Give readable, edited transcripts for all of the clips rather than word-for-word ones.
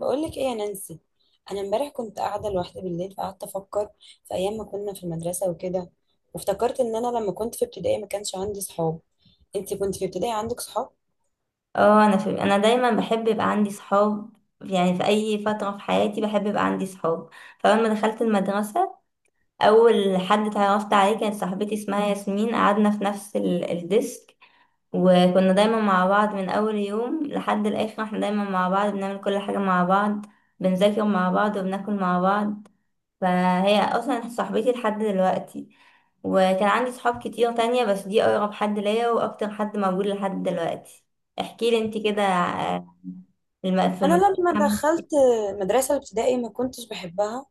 بقولك ايه يا نانسي؟ انا امبارح كنت قاعده لوحدي بالليل، فقعدت افكر في ايام ما كنا في المدرسه وكده. وافتكرت ان انا لما كنت في ابتدائي ما كانش عندي صحاب. انتي كنت في ابتدائي عندك صحاب؟ اه، انا دايما بحب يبقى عندي صحاب. يعني في اي فتره في حياتي بحب يبقى عندي صحاب. فلما دخلت المدرسه، اول حد اتعرفت عليه كانت صاحبتي اسمها ياسمين. قعدنا في نفس الديسك، وكنا دايما مع بعض من اول يوم لحد الاخر. احنا دايما مع بعض، بنعمل كل حاجه مع بعض، بنذاكر مع بعض وبناكل مع بعض. فهي اصلا صاحبتي لحد دلوقتي. وكان عندي صحاب كتير تانية، بس دي اقرب حد ليا واكتر حد موجود لحد دلوقتي. احكي لي انت كده. في انا لما المكان. دخلت مدرسه الابتدائي ما كنتش بحبها،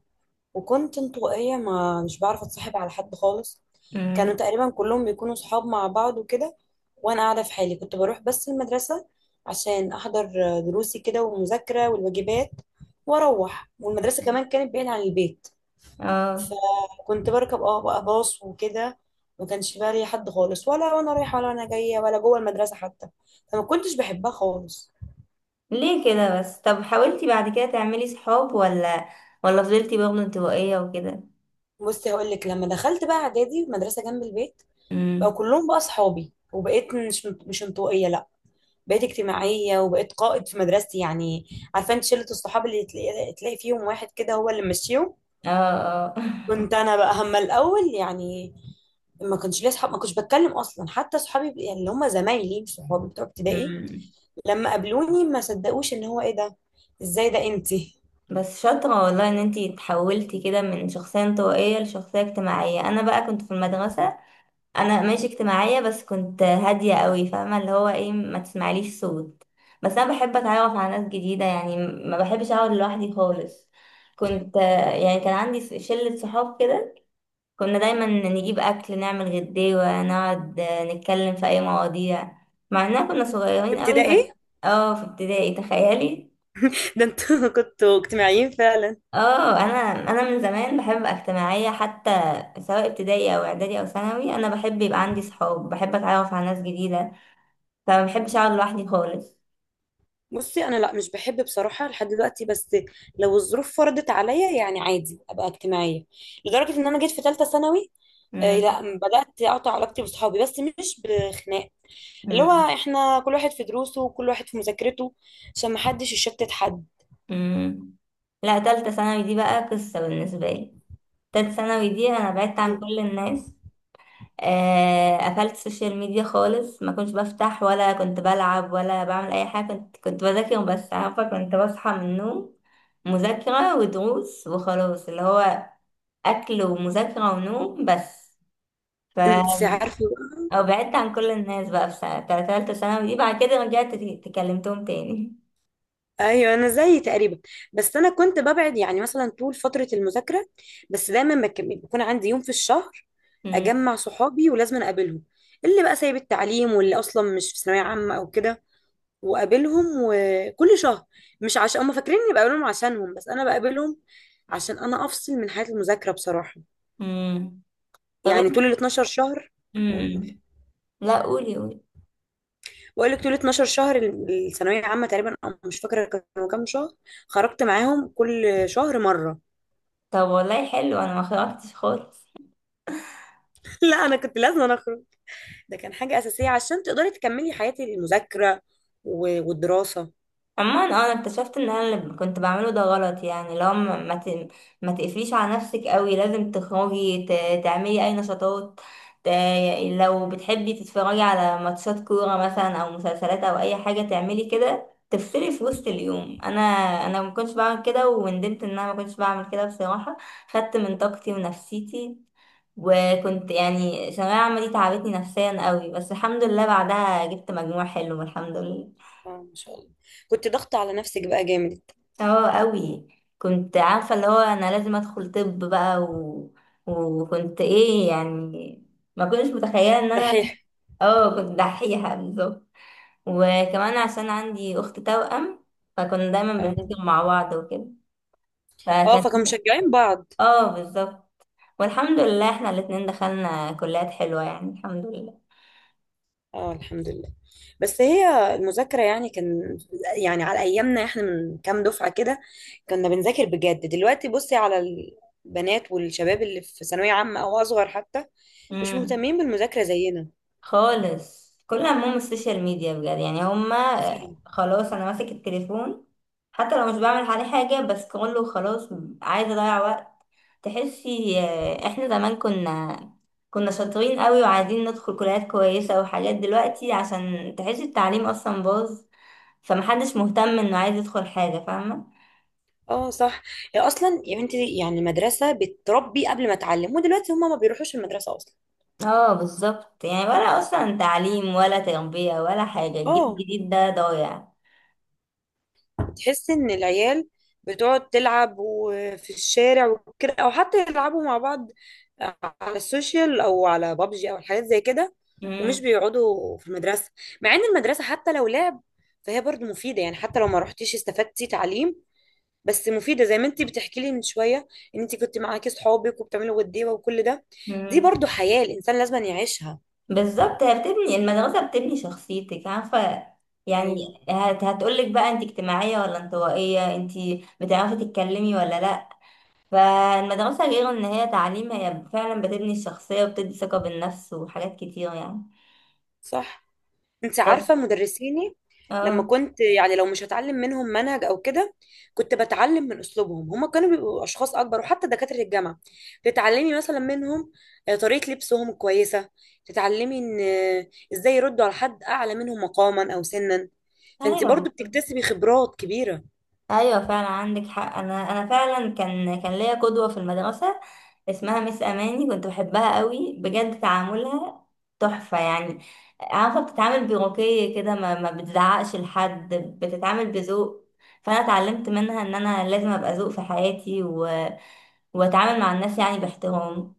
وكنت انطوائيه، ما مش بعرف اتصاحب على حد خالص. امم. كانوا تقريبا كلهم بيكونوا صحاب مع بعض وكده، وانا قاعده في حالي. كنت بروح بس المدرسه عشان احضر دروسي كده، والمذاكره والواجبات، واروح. والمدرسه كمان كانت بعيد عن البيت، اه. فكنت بركب بقى باص وكده. ما كانش بقى لي حد خالص، ولا وانا رايحه ولا انا جايه ولا جوه المدرسه حتى. فما كنتش بحبها خالص. ليه كده بس؟ طب حاولتي بعد كده تعملي صحاب، ولا فضلتي برضه انطوائية وكده؟ بصي هقول لك، لما دخلت بقى اعدادي مدرسه جنب البيت، بقى امم. كلهم بقى اصحابي، وبقيت مش انطوائيه، لا، بقيت اجتماعيه، وبقيت قائد في مدرستي يعني. عارفه انت شله الصحاب اللي تلاقي تلاقي فيهم واحد كده هو اللي ماشيهم؟ اه. اه. كنت انا بقى هما الاول يعني. ما كانش ليا اصحاب، ما كنتش بتكلم اصلا حتى اصحابي، يعني اللي هم زمايلي مش صحابي بتوع ابتدائي. مم. لما قابلوني ما صدقوش ان هو ايه ده، ازاي ده انتي؟ بس شاطرة والله ان انتي اتحولتي كده من شخصية انطوائية لشخصية اجتماعية. انا بقى كنت في المدرسة، انا ماشي اجتماعيه، بس كنت هاديه قوي. فاهمه اللي هو ايه، ما تسمعليش صوت. بس انا بحب اتعرف على ناس جديده، يعني ما بحبش اقعد لوحدي خالص. كنت يعني كان عندي شله صحاب كده. كنا دايما نجيب اكل، نعمل غداوه، نقعد نتكلم في اي مواضيع، مع اننا كنا في صغيرين قوي بس. ابتدائي اه، في ابتدائي، تخيلي. ده انتوا كنتوا اجتماعيين فعلا. اه، انا من زمان بحب أبقى اجتماعيه. حتى سواء ابتدائي او اعدادي او ثانوي، انا بحب يبقى عندي صحاب، بحب اتعرف على ناس جديده. لا، ما بحبش اقعد لوحدي خالص. بصي انا لا، مش بحب بصراحه لحد دلوقتي، بس لو الظروف فرضت عليا، يعني عادي ابقى اجتماعيه. لدرجه ان انا جيت في ثالثه ثانوي، آه، لا، مم. بدات اقطع علاقتي بصحابي بس مش بخناق. اللي هو مم. احنا كل واحد في دروسه، وكل واحد في مذاكرته، عشان ما حدش يشتت حد. مم. لا، تالتة ثانوي دي بقى قصة بالنسبة لي. تالتة ثانوي دي انا بعدت عن كل الناس. قفلت السوشيال ميديا خالص، ما كنتش بفتح ولا كنت بلعب ولا بعمل اي حاجة. كنت بذاكر وبس. عارفة، كنت بصحى من النوم، مذاكرة ودروس وخلاص. اللي هو اكل ومذاكرة ونوم بس. ف انت عارفه؟ أو بعدت عن كل الناس بقى في سنة تالتة ثانوي دي، بعد كده رجعت تكلمتهم تاني. ايوه، انا زيي تقريبا. بس انا كنت ببعد يعني مثلا طول فتره المذاكره، بس دايما بيكون عندي يوم في الشهر اجمع صحابي ولازم اقابلهم، اللي بقى سايب التعليم واللي اصلا مش في ثانويه عامه او كده، واقابلهم وكل شهر. مش عشان هم فاكرين اني بقابلهم عشانهم، بس انا بقابلهم عشان انا افصل من حياه المذاكره بصراحه. امم. طب يعني طول انت. ال 12 شهر، امم. لا، قولي قولي. بقول لك طول 12 شهر الثانويه العامه تقريبا، أو مش فاكره كانوا كام شهر، خرجت معاهم كل شهر مره. طب والله حلو، انا ما خرجتش خالص. لا انا كنت لازم أنا اخرج، ده كان حاجه اساسيه عشان تقدري تكملي حياتي المذاكره والدراسه. عموما انا اكتشفت ان انا اللي كنت بعمله ده غلط. يعني لو ما تقفليش على نفسك قوي، لازم تخرجي، تعملي اي نشاطات. ت- لو بتحبي تتفرجي على ماتشات كورة مثلا او مسلسلات او اي حاجة، تعملي كده تفصلي في وسط اليوم. انا ما كنتش بعمل كده، وندمت ان انا ما كنتش بعمل كده بصراحة. خدت من طاقتي ونفسيتي، وكنت يعني ثانوية عامة دي تعبتني نفسيا قوي. بس الحمد لله، بعدها جبت مجموع حلو الحمد لله. اه، ما شاء الله، كنت ضغط على نفسك بقى جامد. اه، قوي. كنت عارفة اللي هو انا لازم ادخل طب بقى. وكنت ايه يعني، ما كنتش متخيلة ان انا. دحيح. اه، كنت دحيحة بالظبط. وكمان عشان عندي اخت توأم، فكنا دايما اه. بنذاكر مع بعض وكده. اه، فكانت فكانوا مشجعين بعض. اه، بالظبط. والحمد لله احنا الاتنين دخلنا كليات حلوة، يعني الحمد اه، الحمد لله. بس هي المذاكره يعني كان، يعني على ايامنا احنا من كام دفعه كده، كنا بنذاكر بجد. دلوقتي بصي على البنات والشباب اللي في ثانويه عامه او اصغر حتى، مش لله. مهتمين بالمذاكره زينا. خالص، كل همهم السوشيال ميديا بجد. يعني هما خلاص، انا ماسك التليفون حتى لو مش بعمل عليه حاجة، بس كله خلاص عايزة اضيع وقت. تحسي احنا زمان كنا شاطرين قوي وعايزين ندخل كليات كويسة وحاجات. دلوقتي عشان تحسي التعليم اصلا باظ، فمحدش مهتم انه عايز يدخل حاجة، فاهمة. اه صح. هي اصلا يا بنتي يعني المدرسه بتربي قبل ما تعلم، ودلوقتي هما ما بيروحوش المدرسه اصلا. اه، بالظبط. يعني ولا اصلا تعليم ولا تربية ولا حاجة، الجيل اه. الجديد ده ضايع. تحس ان العيال بتقعد تلعب وفي الشارع وكده، او حتى يلعبوا مع بعض على السوشيال او على بابجي او الحاجات زي كده، ومش مم. بيقعدوا في المدرسه. مع ان المدرسه حتى لو لعب، فهي برضو مفيده، يعني حتى لو ما رحتيش استفدتي تعليم، بس مفيده، زي ما انت بتحكي لي من شويه ان انت كنت معاكي صحابك وبتعملوا وديوه وكل ده. دي مم. برضو حياه الانسان لازم يعيشها. بالظبط، هي بتبني المدرسة، بتبني شخصيتك، عارفة يعني. ايوه هتقولك بقى انت اجتماعية ولا انطوائية، انت بتعرفي تتكلمي ولا لأ. فالمدرسة غير ان هي تعليم، هي فعلا بتبني الشخصية وبتدي ثقة بالنفس وحاجات كتير يعني. صح. انت طب. عارفه مدرسيني لما اه. كنت، يعني لو مش هتعلم منهم منهج او كده، كنت بتعلم من اسلوبهم. هما كانوا بيبقوا اشخاص اكبر، وحتى دكاتره الجامعه تتعلمي مثلا منهم، آه، طريقه لبسهم كويسه، تتعلمي ان، آه، ازاي يردوا على حد اعلى منهم مقاما او سنا. فانت ايوه برضو بالظبط. بتكتسبي خبرات كبيره. ايوه فعلا عندك حق. انا فعلا كان ليا قدوه في المدرسه، اسمها مس اماني. كنت بحبها قوي بجد، تعاملها تحفه يعني. عارفه، بتتعامل بروكيه كده، ما بتزعقش لحد، بتتعامل بذوق. فانا اتعلمت منها ان انا لازم ابقى ذوق في حياتي، واتعامل مع الناس يعني باحترام.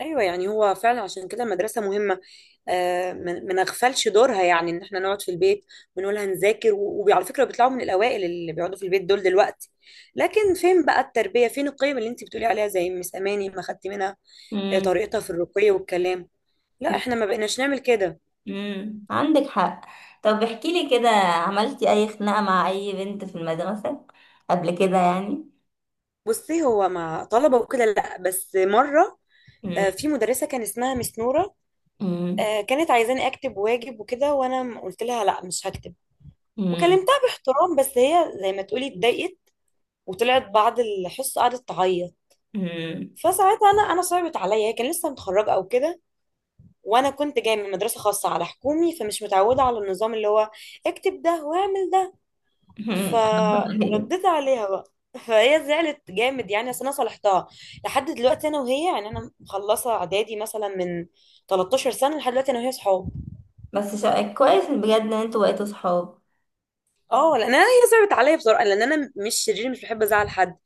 ايوه، يعني هو فعلا عشان كده المدرسه مهمه، آه، ما نغفلش دورها، يعني ان احنا نقعد في البيت ونقول هنذاكر وعلى فكره بيطلعوا من الاوائل اللي بيقعدوا في البيت دول دلوقتي، لكن فين بقى التربيه، فين القيم اللي انت بتقولي عليها زي مس اماني ما خدت منها، آه، امم. طريقتها في الرقي والكلام. لا احنا ما بقيناش نعمل كده. امم، عندك حق. طب احكي لي كده، عملتي اي خناقه مع اي بنت في المدرسه قبل كده يعني؟ بصي هو مع طلبه وكده لا، بس مره، آه، في مدرسه كان اسمها مس نوره، امم. آه، كانت عايزاني اكتب واجب وكده، وانا قلت لها لا مش هكتب، مم. وكلمتها باحترام، بس هي زي ما تقولي اتضايقت، وطلعت بعد الحصه قعدت تعيط. مم. فساعتها انا صعبت عليا، هي كان لسه متخرجه او كده، وانا كنت جايه من مدرسه خاصه على حكومي، فمش متعوده على النظام اللي هو اكتب ده واعمل ده. هي. فرديت عليها بقى، فهي زعلت جامد يعني، بس انا صالحتها. لحد دلوقتي انا وهي يعني، انا مخلصه اعدادي مثلا من 13 سنه، لحد دلوقتي انا وهي صحاب. كويس بجد ان انتوا بقيتوا صحاب. اه، لان انا هي صعبت عليا بصراحه، لان انا مش شرير، مش بحب ازعل حد،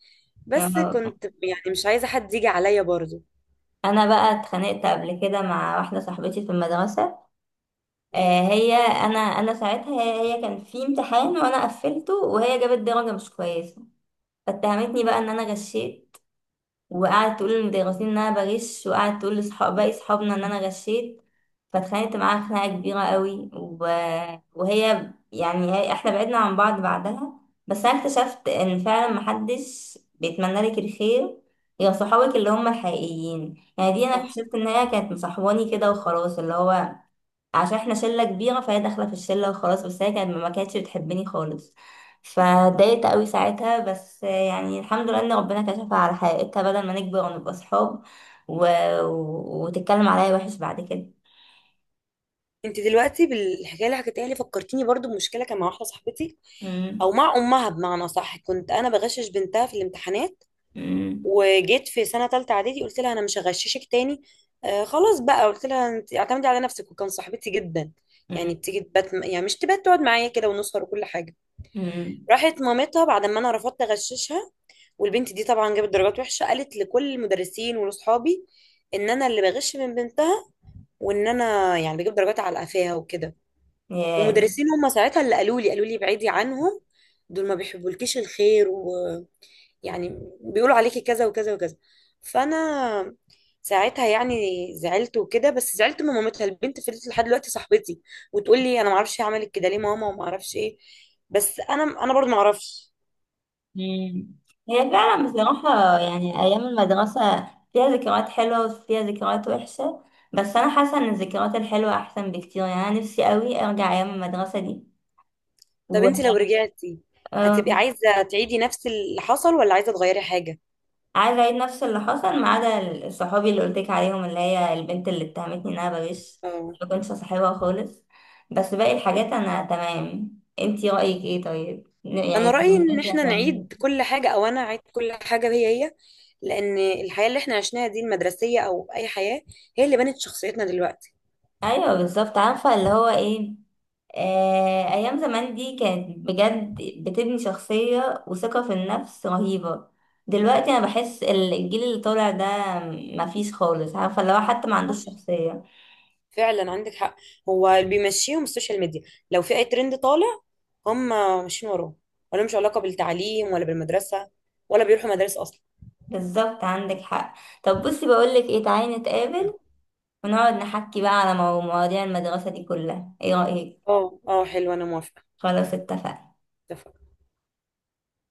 بس آه. كنت يعني مش عايزه حد يجي عليا برضه. انا بقى اتخانقت قبل كده مع واحده صاحبتي في المدرسه. مم، هي، انا ساعتها، هي كان في امتحان وانا قفلته، وهي جابت درجه مش كويسه. فاتهمتني بقى ان انا غشيت، وقعدت تقول للمدرسين ان انا بغش، وقعدت تقول لصحاب باقي صحابنا ان انا غشيت. فاتخانقت معاها خناقه كبيره قوي, وهي يعني احنا بعدنا عن بعض بعدها. بس انا اكتشفت ان فعلا محدش بيتمنى لك الخير غير صحابك اللي هم الحقيقيين. يعني دي انا صح. اكتشفت ان هي كانت مصاحباني كده وخلاص، اللي هو عشان احنا شله كبيره فهي داخله في الشله وخلاص. بس هي ما كانتش بتحبني خالص، فاتضايقت قوي ساعتها. بس يعني الحمد لله ان ربنا كشفها على حقيقتها بدل ما نكبر ونبقى صحاب، و... وتتكلم عليا وحش بعد كده. انت دلوقتي بالحكايه اللي حكيتها لي فكرتيني برضو بمشكله كان مع واحده صاحبتي، او مم. مع امها بمعنى صح. كنت انا بغشش بنتها في الامتحانات، مم. وجيت في سنه ثالثه اعدادي قلت لها انا مش هغششك تاني، آه خلاص بقى، قلت لها انت اعتمدي على نفسك، وكان صاحبتي جدا، يعني مم. بتيجي تبات، يعني مش تبات، تقعد معايا كده ونسهر وكل حاجه. مم. راحت مامتها بعد ما انا رفضت اغششها، والبنت دي طبعا جابت درجات وحشه، قالت لكل المدرسين ولاصحابي ان انا اللي بغش من بنتها، وان انا يعني بجيب درجات على قفاها وكده. ياه. ومدرسين هم ساعتها اللي قالوا لي ابعدي عنهم، دول ما بيحبولكيش الخير، ويعني بيقولوا عليكي كذا وكذا وكذا. فانا ساعتها يعني زعلت وكده، بس زعلت من مامتها. البنت فضلت لحد دلوقتي صاحبتي، وتقول لي انا ما اعرفش هي عملت كده ليه ماما، وما اعرفش ايه، بس انا برضه ما اعرفش. مم. هي فعلا بصراحة، يعني أيام المدرسة فيها ذكريات حلوة وفيها ذكريات وحشة. بس أنا حاسة إن الذكريات الحلوة أحسن بكتير، يعني أنا نفسي قوي أرجع أيام المدرسة دي طب انت و... لو رجعتي هتبقي آه. عايزه تعيدي نفس اللي حصل ولا عايزه تغيري حاجه؟ عايزة أعيد نفس اللي حصل، ما عدا صحابي اللي قلتلك عليهم اللي هي البنت اللي اتهمتني إن أنا بغش. اه، ما كنتش صاحبها خالص، بس باقي الحاجات أنا تمام. انتي رأيك ايه طيب؟ انا يعني رايي ان انتي احنا هتعملي. نعيد كل حاجه، او انا اعيد كل حاجه هي هي، لان الحياه اللي احنا عشناها دي المدرسيه او اي حياه، هي اللي بنت شخصيتنا دلوقتي. ايوه بالظبط، عارفة اللي هو ايه. أيام زمان دي كانت بجد بتبني شخصية وثقة في النفس رهيبة. دلوقتي أنا بحس الجيل اللي طالع ده مفيش خالص، عارفة اللي هو حتى ما صح، عندوش شخصية. فعلا عندك حق. هو اللي بيمشيهم السوشيال ميديا، لو في اي ترند طالع هم ماشيين وراه، ولا مش علاقه بالتعليم ولا بالمدرسه، ولا بيروحوا مدارس اصلا. بالظبط عندك حق. طب بصي، بقولك ايه، تعالي م. نتقابل ونقعد نحكي بقى على مواضيع المدرسة دي كلها، ايه رأيك؟ اه، اه حلو، انا موافقه. خلاص اتفقنا.